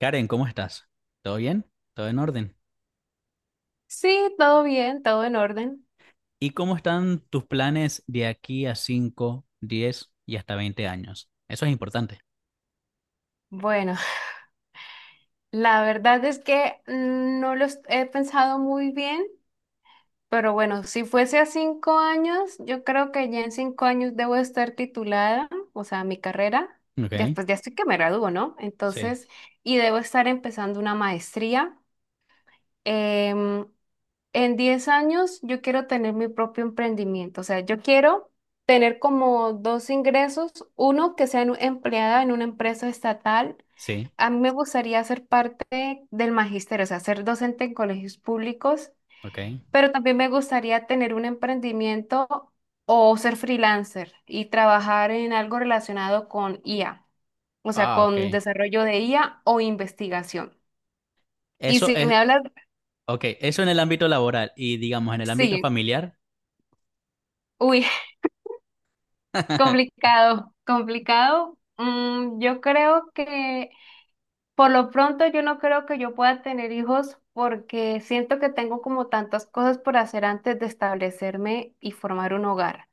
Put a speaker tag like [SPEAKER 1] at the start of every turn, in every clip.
[SPEAKER 1] Karen, ¿cómo estás? ¿Todo bien? ¿Todo en orden?
[SPEAKER 2] Sí, todo bien, todo en orden.
[SPEAKER 1] ¿Y cómo están tus planes de aquí a 5, 10 y hasta 20 años? Eso es importante.
[SPEAKER 2] Bueno, la verdad es que no lo est- he pensado muy bien, pero bueno, si fuese a 5 años, yo creo que ya en 5 años debo estar titulada, o sea, mi carrera,
[SPEAKER 1] Ok,
[SPEAKER 2] ya, pues ya estoy que me gradúo, ¿no?
[SPEAKER 1] sí,
[SPEAKER 2] Entonces, y debo estar empezando una maestría. em, En 10 años yo quiero tener mi propio emprendimiento, o sea, yo quiero tener como dos ingresos, uno que sea empleada en una empresa estatal.
[SPEAKER 1] sí,
[SPEAKER 2] A mí me gustaría ser parte del magisterio, o sea, ser docente en colegios públicos,
[SPEAKER 1] ok.
[SPEAKER 2] pero también me gustaría tener un emprendimiento o ser freelancer y trabajar en algo relacionado con IA, o sea,
[SPEAKER 1] Ah, ok.
[SPEAKER 2] con desarrollo de IA o investigación. Y
[SPEAKER 1] Eso
[SPEAKER 2] si me
[SPEAKER 1] es,
[SPEAKER 2] hablas,
[SPEAKER 1] ok, eso en el ámbito laboral y digamos en el ámbito
[SPEAKER 2] sí,
[SPEAKER 1] familiar.
[SPEAKER 2] uy, complicado, complicado. Yo creo que por lo pronto yo no creo que yo pueda tener hijos porque siento que tengo como tantas cosas por hacer antes de establecerme y formar un hogar.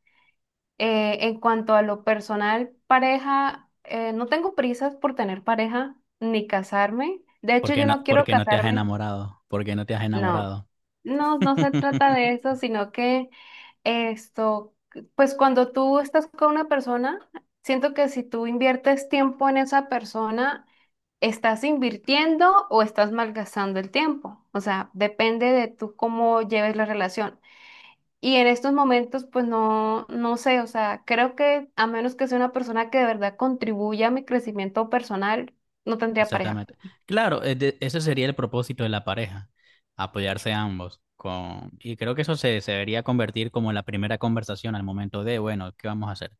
[SPEAKER 2] En cuanto a lo personal, pareja, no tengo prisas por tener pareja ni casarme. De
[SPEAKER 1] ¿Por
[SPEAKER 2] hecho,
[SPEAKER 1] qué
[SPEAKER 2] yo
[SPEAKER 1] no,
[SPEAKER 2] no
[SPEAKER 1] por
[SPEAKER 2] quiero
[SPEAKER 1] qué no te has
[SPEAKER 2] casarme.
[SPEAKER 1] enamorado? ¿Por qué no te has
[SPEAKER 2] No,
[SPEAKER 1] enamorado?
[SPEAKER 2] no, no se trata de eso, sino que esto, pues cuando tú estás con una persona, siento que si tú inviertes tiempo en esa persona, estás invirtiendo o estás malgastando el tiempo. O sea, depende de tú cómo lleves la relación. Y en estos momentos, pues no, no sé, o sea, creo que a menos que sea una persona que de verdad contribuya a mi crecimiento personal, no tendría pareja.
[SPEAKER 1] Exactamente. Claro, ese sería el propósito de la pareja, apoyarse ambos. Con... Y creo que eso se debería convertir como la primera conversación al momento de, bueno, ¿qué vamos a hacer?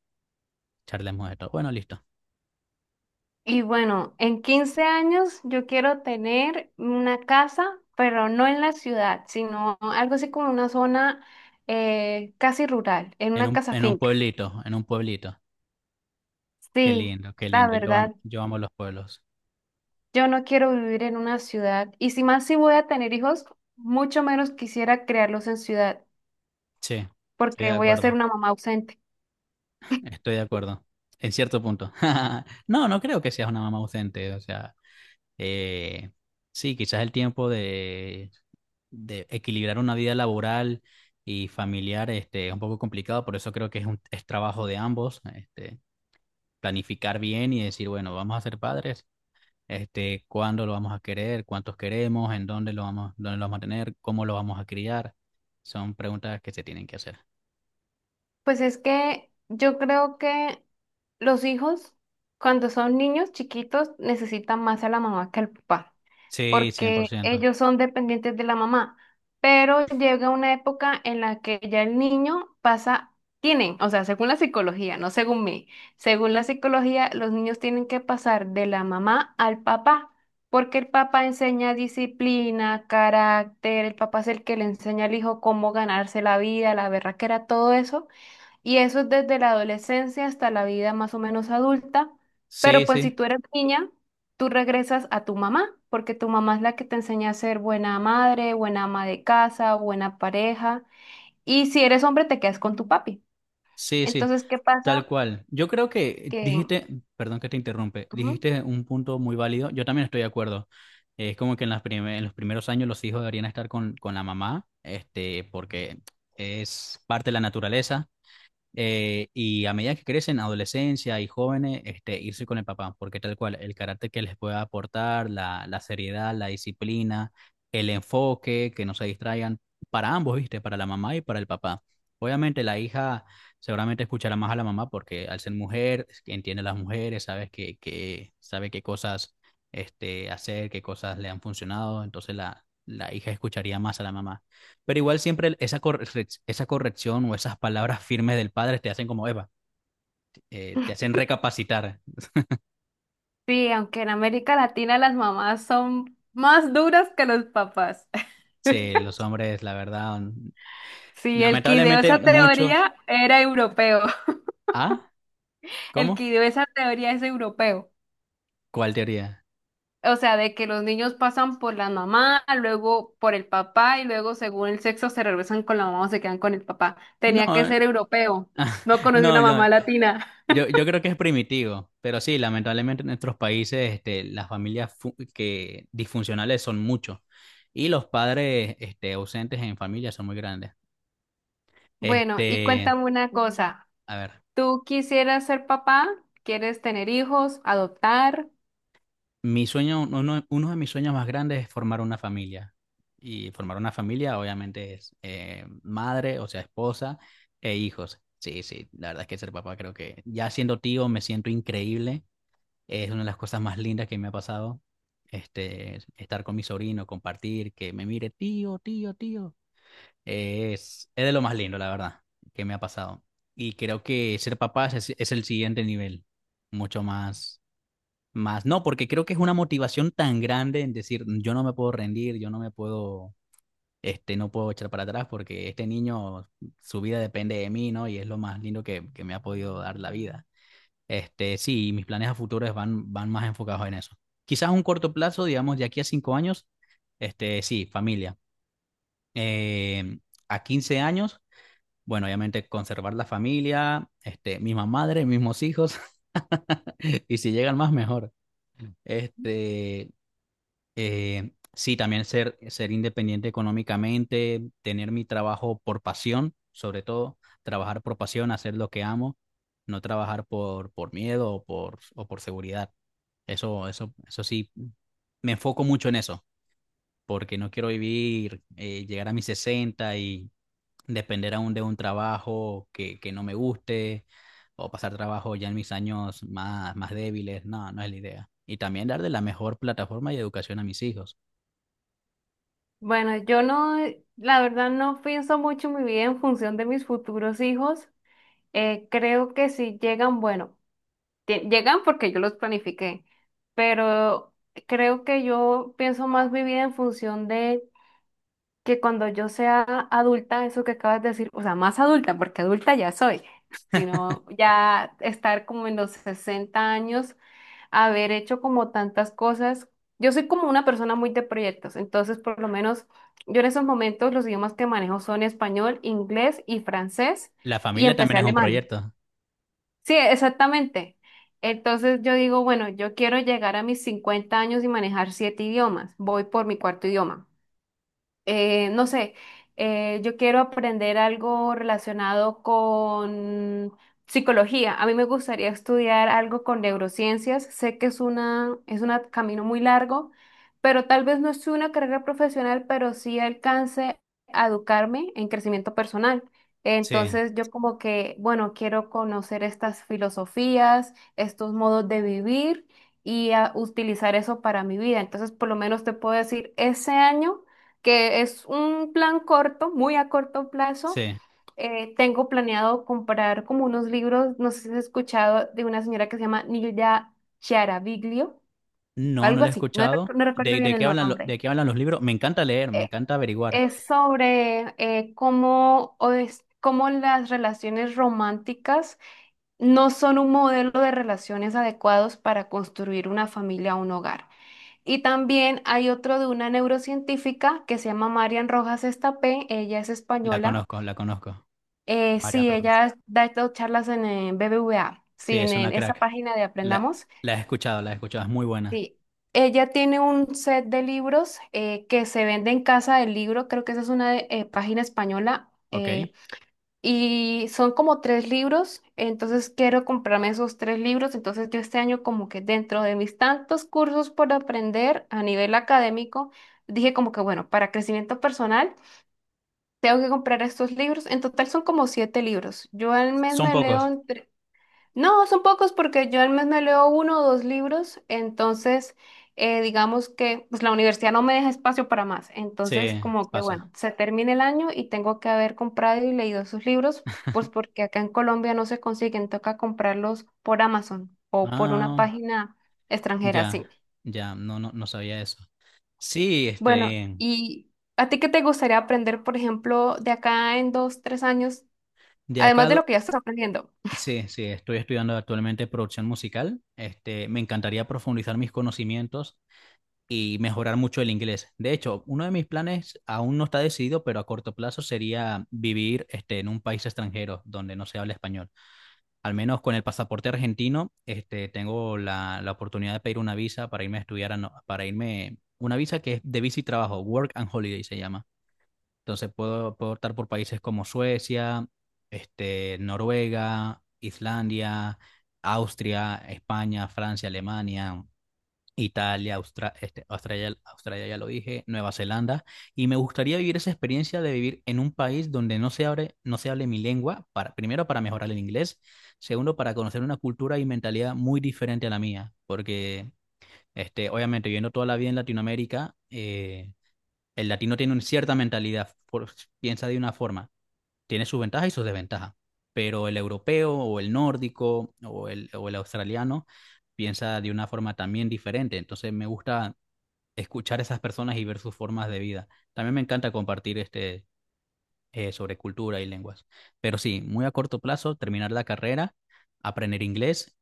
[SPEAKER 1] Charlemos de esto. Bueno, listo.
[SPEAKER 2] Y bueno, en 15 años yo quiero tener una casa, pero no en la ciudad, sino algo así como una zona casi rural, en
[SPEAKER 1] En
[SPEAKER 2] una
[SPEAKER 1] un,
[SPEAKER 2] casa
[SPEAKER 1] en un
[SPEAKER 2] finca.
[SPEAKER 1] pueblito, en un pueblito. Qué
[SPEAKER 2] Sí,
[SPEAKER 1] lindo, qué
[SPEAKER 2] la
[SPEAKER 1] lindo.
[SPEAKER 2] verdad,
[SPEAKER 1] Yo amo los pueblos.
[SPEAKER 2] yo no quiero vivir en una ciudad. Y si más si voy a tener hijos, mucho menos quisiera criarlos en ciudad,
[SPEAKER 1] Sí, estoy de
[SPEAKER 2] porque voy a ser
[SPEAKER 1] acuerdo,
[SPEAKER 2] una mamá ausente.
[SPEAKER 1] estoy de acuerdo. En cierto punto. No, no creo que seas una mamá ausente. O sea, Eh, sí, quizás el tiempo de equilibrar una vida laboral y familiar este, es un poco complicado, por eso creo que es un es trabajo de ambos, este, planificar bien y decir, bueno, vamos a ser padres, este, cuándo lo vamos a querer, cuántos queremos, en dónde lo vamos a tener, cómo lo vamos a criar. Son preguntas que se tienen que hacer.
[SPEAKER 2] Pues es que yo creo que los hijos, cuando son niños chiquitos, necesitan más a la mamá que al papá,
[SPEAKER 1] Sí, cien por
[SPEAKER 2] porque
[SPEAKER 1] ciento
[SPEAKER 2] ellos son dependientes de la mamá. Pero llega una época en la que ya el niño pasa, tienen, o sea, según la psicología, no según mí, según la psicología, los niños tienen que pasar de la mamá al papá, porque el papá enseña disciplina, carácter, el papá es el que le enseña al hijo cómo ganarse la vida, la berraquera, todo eso. Y eso es desde la adolescencia hasta la vida más o menos adulta.
[SPEAKER 1] Sí,
[SPEAKER 2] Pero pues si
[SPEAKER 1] sí.
[SPEAKER 2] tú eres niña, tú regresas a tu mamá, porque tu mamá es la que te enseña a ser buena madre, buena ama de casa, buena pareja. Y si eres hombre, te quedas con tu papi.
[SPEAKER 1] Sí, sí,
[SPEAKER 2] Entonces, ¿qué pasa?
[SPEAKER 1] tal cual. Yo creo que
[SPEAKER 2] Que
[SPEAKER 1] dijiste, perdón que te interrumpe,
[SPEAKER 2] Ujú.
[SPEAKER 1] dijiste un punto muy válido. Yo también estoy de acuerdo. Es como que en las en los primeros años los hijos deberían estar con la mamá, este, porque es parte de la naturaleza y a medida que crecen, adolescencia y jóvenes, este, irse con el papá, porque tal cual, el carácter que les pueda aportar, la seriedad, la disciplina, el enfoque, que no se distraigan, para ambos, ¿viste? Para la mamá y para el papá. Obviamente la hija seguramente escuchará más a la mamá porque al ser mujer, entiende a las mujeres, sabe que, sabe qué cosas este, hacer, qué cosas le han funcionado, entonces la hija escucharía más a la mamá. Pero igual siempre esa corrección o esas palabras firmes del padre te hacen como, Eva, te hacen recapacitar.
[SPEAKER 2] Sí, aunque en América Latina las mamás son más duras que los papás.
[SPEAKER 1] Sí, los hombres, la verdad,
[SPEAKER 2] Sí, el que ideó
[SPEAKER 1] lamentablemente
[SPEAKER 2] esa
[SPEAKER 1] muchos...
[SPEAKER 2] teoría era europeo.
[SPEAKER 1] ¿Ah?
[SPEAKER 2] El que
[SPEAKER 1] ¿Cómo?
[SPEAKER 2] ideó esa teoría es europeo.
[SPEAKER 1] ¿Cuál teoría?
[SPEAKER 2] O sea, de que los niños pasan por la mamá, luego por el papá y luego según el sexo se regresan con la mamá o se quedan con el papá. Tenía que
[SPEAKER 1] No,
[SPEAKER 2] ser europeo. No conocí
[SPEAKER 1] no,
[SPEAKER 2] una
[SPEAKER 1] yo,
[SPEAKER 2] mamá latina.
[SPEAKER 1] yo, yo creo que es primitivo, pero sí, lamentablemente en nuestros países este, las familias que disfuncionales son muchos y los padres este, ausentes en familia son muy grandes.
[SPEAKER 2] Bueno, y
[SPEAKER 1] Este,
[SPEAKER 2] cuéntame una cosa.
[SPEAKER 1] a ver.
[SPEAKER 2] ¿Tú quisieras ser papá? ¿Quieres tener hijos? ¿Adoptar?
[SPEAKER 1] Mi sueño, uno, uno de mis sueños más grandes es formar una familia. Y formar una familia obviamente es madre, o sea, esposa e hijos. Sí, sí, la verdad es que ser papá creo que ya siendo tío me siento increíble. Es una de las cosas más lindas que me ha pasado. Este, estar con mi sobrino, compartir, que me mire tío, tío, tío. Es de lo más lindo, la verdad, que me ha pasado. Y creo que ser papá es el siguiente nivel, mucho más más no, porque creo que es una motivación tan grande en decir, "Mm, yo no me puedo rendir, yo no me puedo, este, no puedo echar para atrás porque este niño, su vida depende de mí, ¿no?" Y es lo más lindo que me ha podido dar la vida. Este, sí, mis planes a futuros van, van más enfocados en eso. Quizás a un corto plazo, digamos, de aquí a 5 años, este, sí, familia. Eh, a 15 años, bueno, obviamente conservar la familia, este, misma madre, mismos hijos, y si llegan más, mejor. Este, sí, también ser, ser independiente económicamente, tener mi trabajo por pasión, sobre todo, trabajar por pasión, hacer lo que amo, no trabajar por miedo o por seguridad. Eso sí, me enfoco mucho en eso, porque no quiero vivir, llegar a mis 60 y depender aún de un trabajo que no me guste o pasar trabajo ya en mis años más, más débiles. No, no es la idea. Y también darle la mejor plataforma y educación a mis hijos.
[SPEAKER 2] Bueno, yo no, la verdad no pienso mucho mi vida en función de mis futuros hijos. Creo que si llegan, bueno. Llegan porque yo los planifiqué, pero creo que yo pienso más mi vida en función de que cuando yo sea adulta, eso que acabas de decir, o sea, más adulta, porque adulta ya soy, sino ya estar como en los 60 años, haber hecho como tantas cosas. Yo soy como una persona muy de proyectos, entonces por lo menos yo en esos momentos los idiomas que manejo son español, inglés y francés
[SPEAKER 1] La
[SPEAKER 2] y
[SPEAKER 1] familia
[SPEAKER 2] empecé
[SPEAKER 1] también es un
[SPEAKER 2] alemán.
[SPEAKER 1] proyecto.
[SPEAKER 2] Sí, exactamente. Entonces yo digo, bueno, yo quiero llegar a mis 50 años y manejar siete idiomas. Voy por mi cuarto idioma. No sé, Yo quiero aprender algo relacionado con psicología. A mí me gustaría estudiar algo con neurociencias. Sé que es una, es un camino muy largo, pero tal vez no es una carrera profesional, pero sí alcance a educarme en crecimiento personal.
[SPEAKER 1] Sí,
[SPEAKER 2] Entonces yo como que, bueno, quiero conocer estas filosofías, estos modos de vivir y a utilizar eso para mi vida. Entonces, por lo menos te puedo decir, ese año que es un plan corto, muy a corto plazo.
[SPEAKER 1] sí.
[SPEAKER 2] Tengo planeado comprar como unos libros, no sé si has escuchado, de una señora que se llama Nilda Chiaraviglio,
[SPEAKER 1] No, no
[SPEAKER 2] algo
[SPEAKER 1] lo he
[SPEAKER 2] así, no,
[SPEAKER 1] escuchado.
[SPEAKER 2] no recuerdo bien
[SPEAKER 1] De
[SPEAKER 2] el
[SPEAKER 1] qué hablan,
[SPEAKER 2] nombre.
[SPEAKER 1] de qué hablan los libros? Me encanta leer, me
[SPEAKER 2] Eh,
[SPEAKER 1] encanta averiguar.
[SPEAKER 2] es sobre cómo, cómo las relaciones románticas no son un modelo de relaciones adecuados para construir una familia o un hogar. Y también hay otro de una neurocientífica que se llama Marian Rojas Estapé, ella es
[SPEAKER 1] La
[SPEAKER 2] española.
[SPEAKER 1] conozco, la conozco. Marian
[SPEAKER 2] Sí,
[SPEAKER 1] Rojas.
[SPEAKER 2] ella da estas charlas en el BBVA, sí,
[SPEAKER 1] Sí, es una
[SPEAKER 2] esa
[SPEAKER 1] crack.
[SPEAKER 2] página de
[SPEAKER 1] La,
[SPEAKER 2] Aprendamos.
[SPEAKER 1] la he escuchado, la he escuchado. Es muy buena.
[SPEAKER 2] Sí, ella tiene un set de libros que se vende en Casa del Libro, creo que esa es una página española.
[SPEAKER 1] Ok.
[SPEAKER 2] Y son como tres libros, entonces quiero comprarme esos tres libros. Entonces yo este año como que dentro de mis tantos cursos por aprender a nivel académico, dije como que bueno, para crecimiento personal tengo que comprar estos libros. En total son como siete libros. Yo al mes
[SPEAKER 1] Son
[SPEAKER 2] me
[SPEAKER 1] pocos.
[SPEAKER 2] leo. No, son pocos porque yo al mes me leo uno o dos libros, entonces digamos que pues, la universidad no me deja espacio para más, entonces
[SPEAKER 1] Sí,
[SPEAKER 2] como que
[SPEAKER 1] pasa.
[SPEAKER 2] bueno, se termina el año y tengo que haber comprado y leído sus libros, pues porque acá en Colombia no se consiguen, toca comprarlos por Amazon o por una
[SPEAKER 1] Ah,
[SPEAKER 2] página extranjera,
[SPEAKER 1] ya,
[SPEAKER 2] sí.
[SPEAKER 1] ya. No, no, no sabía eso. Sí,
[SPEAKER 2] Bueno,
[SPEAKER 1] este,
[SPEAKER 2] ¿y a ti qué te gustaría aprender, por ejemplo, de acá en 2, 3 años,
[SPEAKER 1] de
[SPEAKER 2] además
[SPEAKER 1] acá,
[SPEAKER 2] de
[SPEAKER 1] do-
[SPEAKER 2] lo que ya estás aprendiendo?
[SPEAKER 1] sí, sí, estoy estudiando actualmente producción musical. Este, me encantaría profundizar mis conocimientos y mejorar mucho el inglés. De hecho, uno de mis planes aún no está decidido, pero a corto plazo sería vivir este, en un país extranjero donde no se habla español. Al menos con el pasaporte argentino, este, tengo la, la oportunidad de pedir una visa para irme a estudiar, a no- para irme, una visa que es de visa y trabajo, Work and Holiday se llama. Entonces puedo, puedo optar por países como Suecia, este, Noruega, Islandia, Austria, España, Francia, Alemania. Italia, este, Australia, Australia ya lo dije, Nueva Zelanda, y me gustaría vivir esa experiencia de vivir en un país donde no se hable mi lengua, para, primero para mejorar el inglés, segundo para conocer una cultura y mentalidad muy diferente a la mía, porque este, obviamente viviendo toda la vida en Latinoamérica, el latino tiene una cierta mentalidad, piensa de una forma, tiene sus ventajas y sus desventajas, pero el europeo o el nórdico o el australiano piensa de una forma también diferente. Entonces me gusta escuchar a esas personas y ver sus formas de vida. También me encanta compartir este, sobre cultura y lenguas. Pero sí, muy a corto plazo, terminar la carrera, aprender inglés,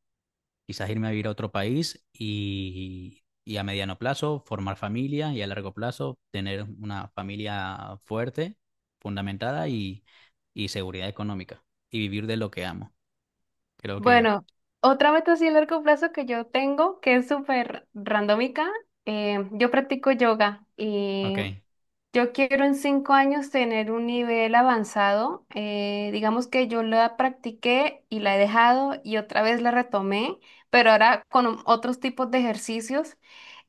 [SPEAKER 1] quizás irme a vivir a otro país y a mediano plazo formar familia y a largo plazo tener una familia fuerte, fundamentada y seguridad económica y vivir de lo que amo. Creo que,
[SPEAKER 2] Bueno, otra meta así a largo plazo que yo tengo, que es súper randómica, yo practico yoga y
[SPEAKER 1] ok.
[SPEAKER 2] yo quiero en 5 años tener un nivel avanzado. Digamos que yo la practiqué y la he dejado y otra vez la retomé, pero ahora con otros tipos de ejercicios.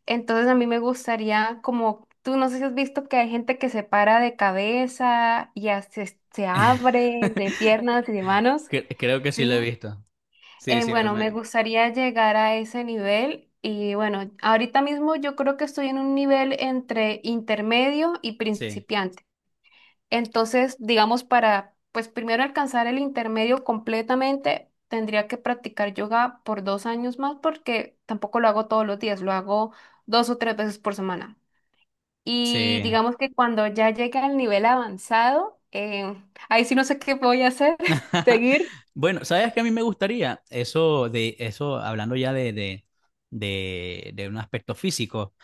[SPEAKER 2] Entonces a mí me gustaría como... Tú no sé si has visto que hay gente que se para de cabeza y se abre de piernas y de manos,
[SPEAKER 1] Creo que sí lo he
[SPEAKER 2] ¿sí?
[SPEAKER 1] visto. Sí, sí,
[SPEAKER 2] Bueno, me gustaría llegar a ese nivel y bueno, ahorita mismo yo creo que estoy en un nivel entre intermedio y
[SPEAKER 1] sí,
[SPEAKER 2] principiante. Entonces, digamos, para pues primero alcanzar el intermedio completamente, tendría que practicar yoga por 2 años más porque tampoco lo hago todos los días, lo hago dos o tres veces por semana. Y
[SPEAKER 1] sí.
[SPEAKER 2] digamos que cuando ya llegue al nivel avanzado, ahí sí no sé qué voy a hacer, seguir.
[SPEAKER 1] Bueno, ¿sabes qué a mí me gustaría? Eso de eso, hablando ya de un aspecto físico.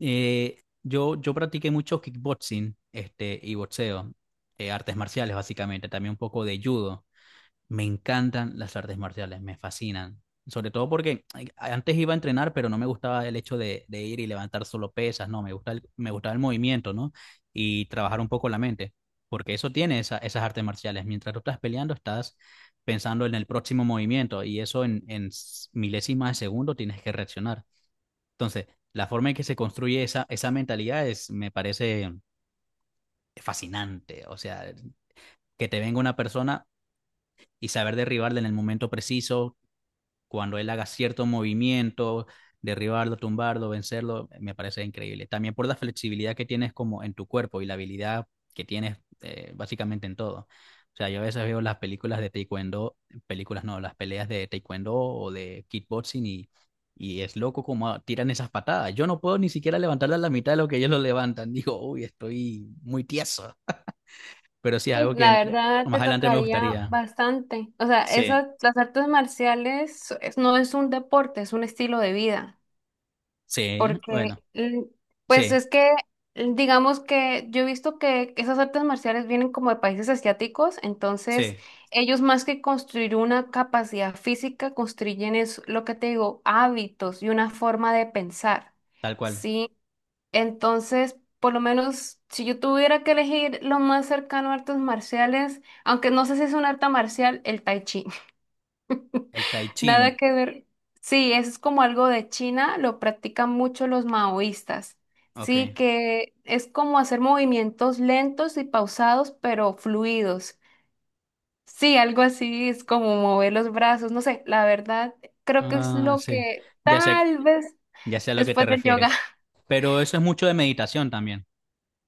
[SPEAKER 1] Yo practiqué mucho kickboxing, este, y boxeo, artes marciales, básicamente, también un poco de judo. Me encantan las artes marciales, me fascinan. Sobre todo porque ay, antes iba a entrenar, pero no me gustaba el hecho de ir y levantar solo pesas, no, me gusta me gustaba el movimiento, ¿no? Y trabajar un poco la mente, porque eso tiene esas artes marciales. Mientras tú estás peleando, estás pensando en el próximo movimiento y eso en, milésimas de segundo tienes que reaccionar. Entonces, la forma en que se construye esa, esa mentalidad es, me parece fascinante. O sea, que te venga una persona y saber derribarla en el momento preciso, cuando él haga cierto movimiento, derribarlo, tumbarlo, vencerlo, me parece increíble. También por la flexibilidad que tienes como en tu cuerpo y la habilidad que tienes básicamente en todo. O sea, yo a veces veo las películas de taekwondo, películas no, las peleas de taekwondo o de kickboxing y es loco como tiran esas patadas. Yo no puedo ni siquiera levantarlas a la mitad de lo que ellos lo levantan. Digo, uy, estoy muy tieso. Pero sí,
[SPEAKER 2] Pues
[SPEAKER 1] algo que
[SPEAKER 2] la verdad
[SPEAKER 1] más
[SPEAKER 2] te
[SPEAKER 1] adelante me
[SPEAKER 2] tocaría
[SPEAKER 1] gustaría.
[SPEAKER 2] bastante. O sea,
[SPEAKER 1] Sí,
[SPEAKER 2] esas, las artes marciales no es un deporte, es un estilo de vida.
[SPEAKER 1] sí,
[SPEAKER 2] Porque,
[SPEAKER 1] bueno,
[SPEAKER 2] pues es
[SPEAKER 1] sí,
[SPEAKER 2] que, digamos que yo he visto que esas artes marciales vienen como de países asiáticos, entonces
[SPEAKER 1] sí,
[SPEAKER 2] ellos más que construir una capacidad física, construyen es lo que te digo, hábitos y una forma de pensar,
[SPEAKER 1] tal cual.
[SPEAKER 2] ¿sí? Entonces, por lo menos si yo tuviera que elegir lo más cercano a artes marciales, aunque no sé si es un arte marcial, el tai chi.
[SPEAKER 1] El Tai
[SPEAKER 2] Nada
[SPEAKER 1] Chin,
[SPEAKER 2] que ver. Sí, eso es como algo de China, lo practican mucho los maoístas.
[SPEAKER 1] ok.
[SPEAKER 2] Sí, que es como hacer movimientos lentos y pausados, pero fluidos. Sí, algo así es como mover los brazos, no sé, la verdad, creo que es
[SPEAKER 1] Ah,
[SPEAKER 2] lo
[SPEAKER 1] sí.
[SPEAKER 2] que
[SPEAKER 1] Ya sé,
[SPEAKER 2] tal vez
[SPEAKER 1] ya sé a lo que te
[SPEAKER 2] después del yoga.
[SPEAKER 1] refieres. Pero eso es mucho de meditación también.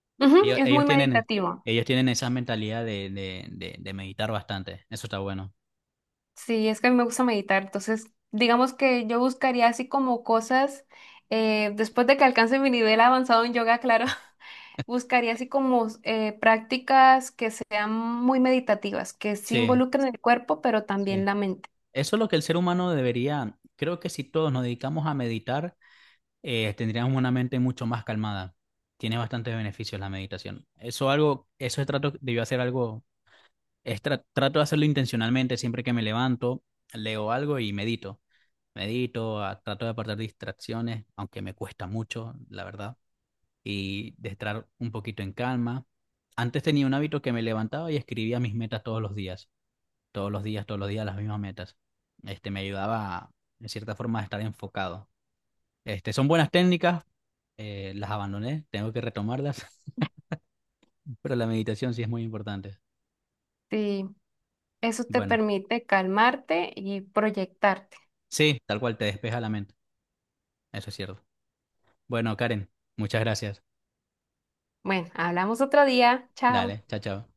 [SPEAKER 2] Ujú,
[SPEAKER 1] Ellos,
[SPEAKER 2] es muy meditativo.
[SPEAKER 1] ellos tienen esa mentalidad de meditar bastante. Eso está bueno.
[SPEAKER 2] Sí, es que a mí me gusta meditar, entonces digamos que yo buscaría así como cosas, después de que alcance mi nivel avanzado en yoga, claro. Buscaría así como prácticas que sean muy meditativas, que sí
[SPEAKER 1] Sí,
[SPEAKER 2] involucren el cuerpo, pero también
[SPEAKER 1] sí.
[SPEAKER 2] la mente.
[SPEAKER 1] Eso es lo que el ser humano debería. Creo que si todos nos dedicamos a meditar, tendríamos una mente mucho más calmada. Tiene bastantes beneficios la meditación. Eso algo, eso trato debió hacer algo es trato de hacerlo intencionalmente siempre que me levanto, leo algo y medito. Medito, trato de apartar distracciones, aunque me cuesta mucho, la verdad, y de estar un poquito en calma. Antes tenía un hábito que me levantaba y escribía mis metas todos los días, todos los días, todos los días las mismas metas. Este me ayudaba, en cierta forma, a estar enfocado. Este, son buenas técnicas, las abandoné, tengo que retomarlas, pero la meditación sí es muy importante.
[SPEAKER 2] Sí, eso te
[SPEAKER 1] Bueno,
[SPEAKER 2] permite calmarte y proyectarte.
[SPEAKER 1] sí, tal cual te despeja la mente, eso es cierto. Bueno, Karen, muchas gracias.
[SPEAKER 2] Bueno, hablamos otro día. Chao.
[SPEAKER 1] Dale, chao, chao.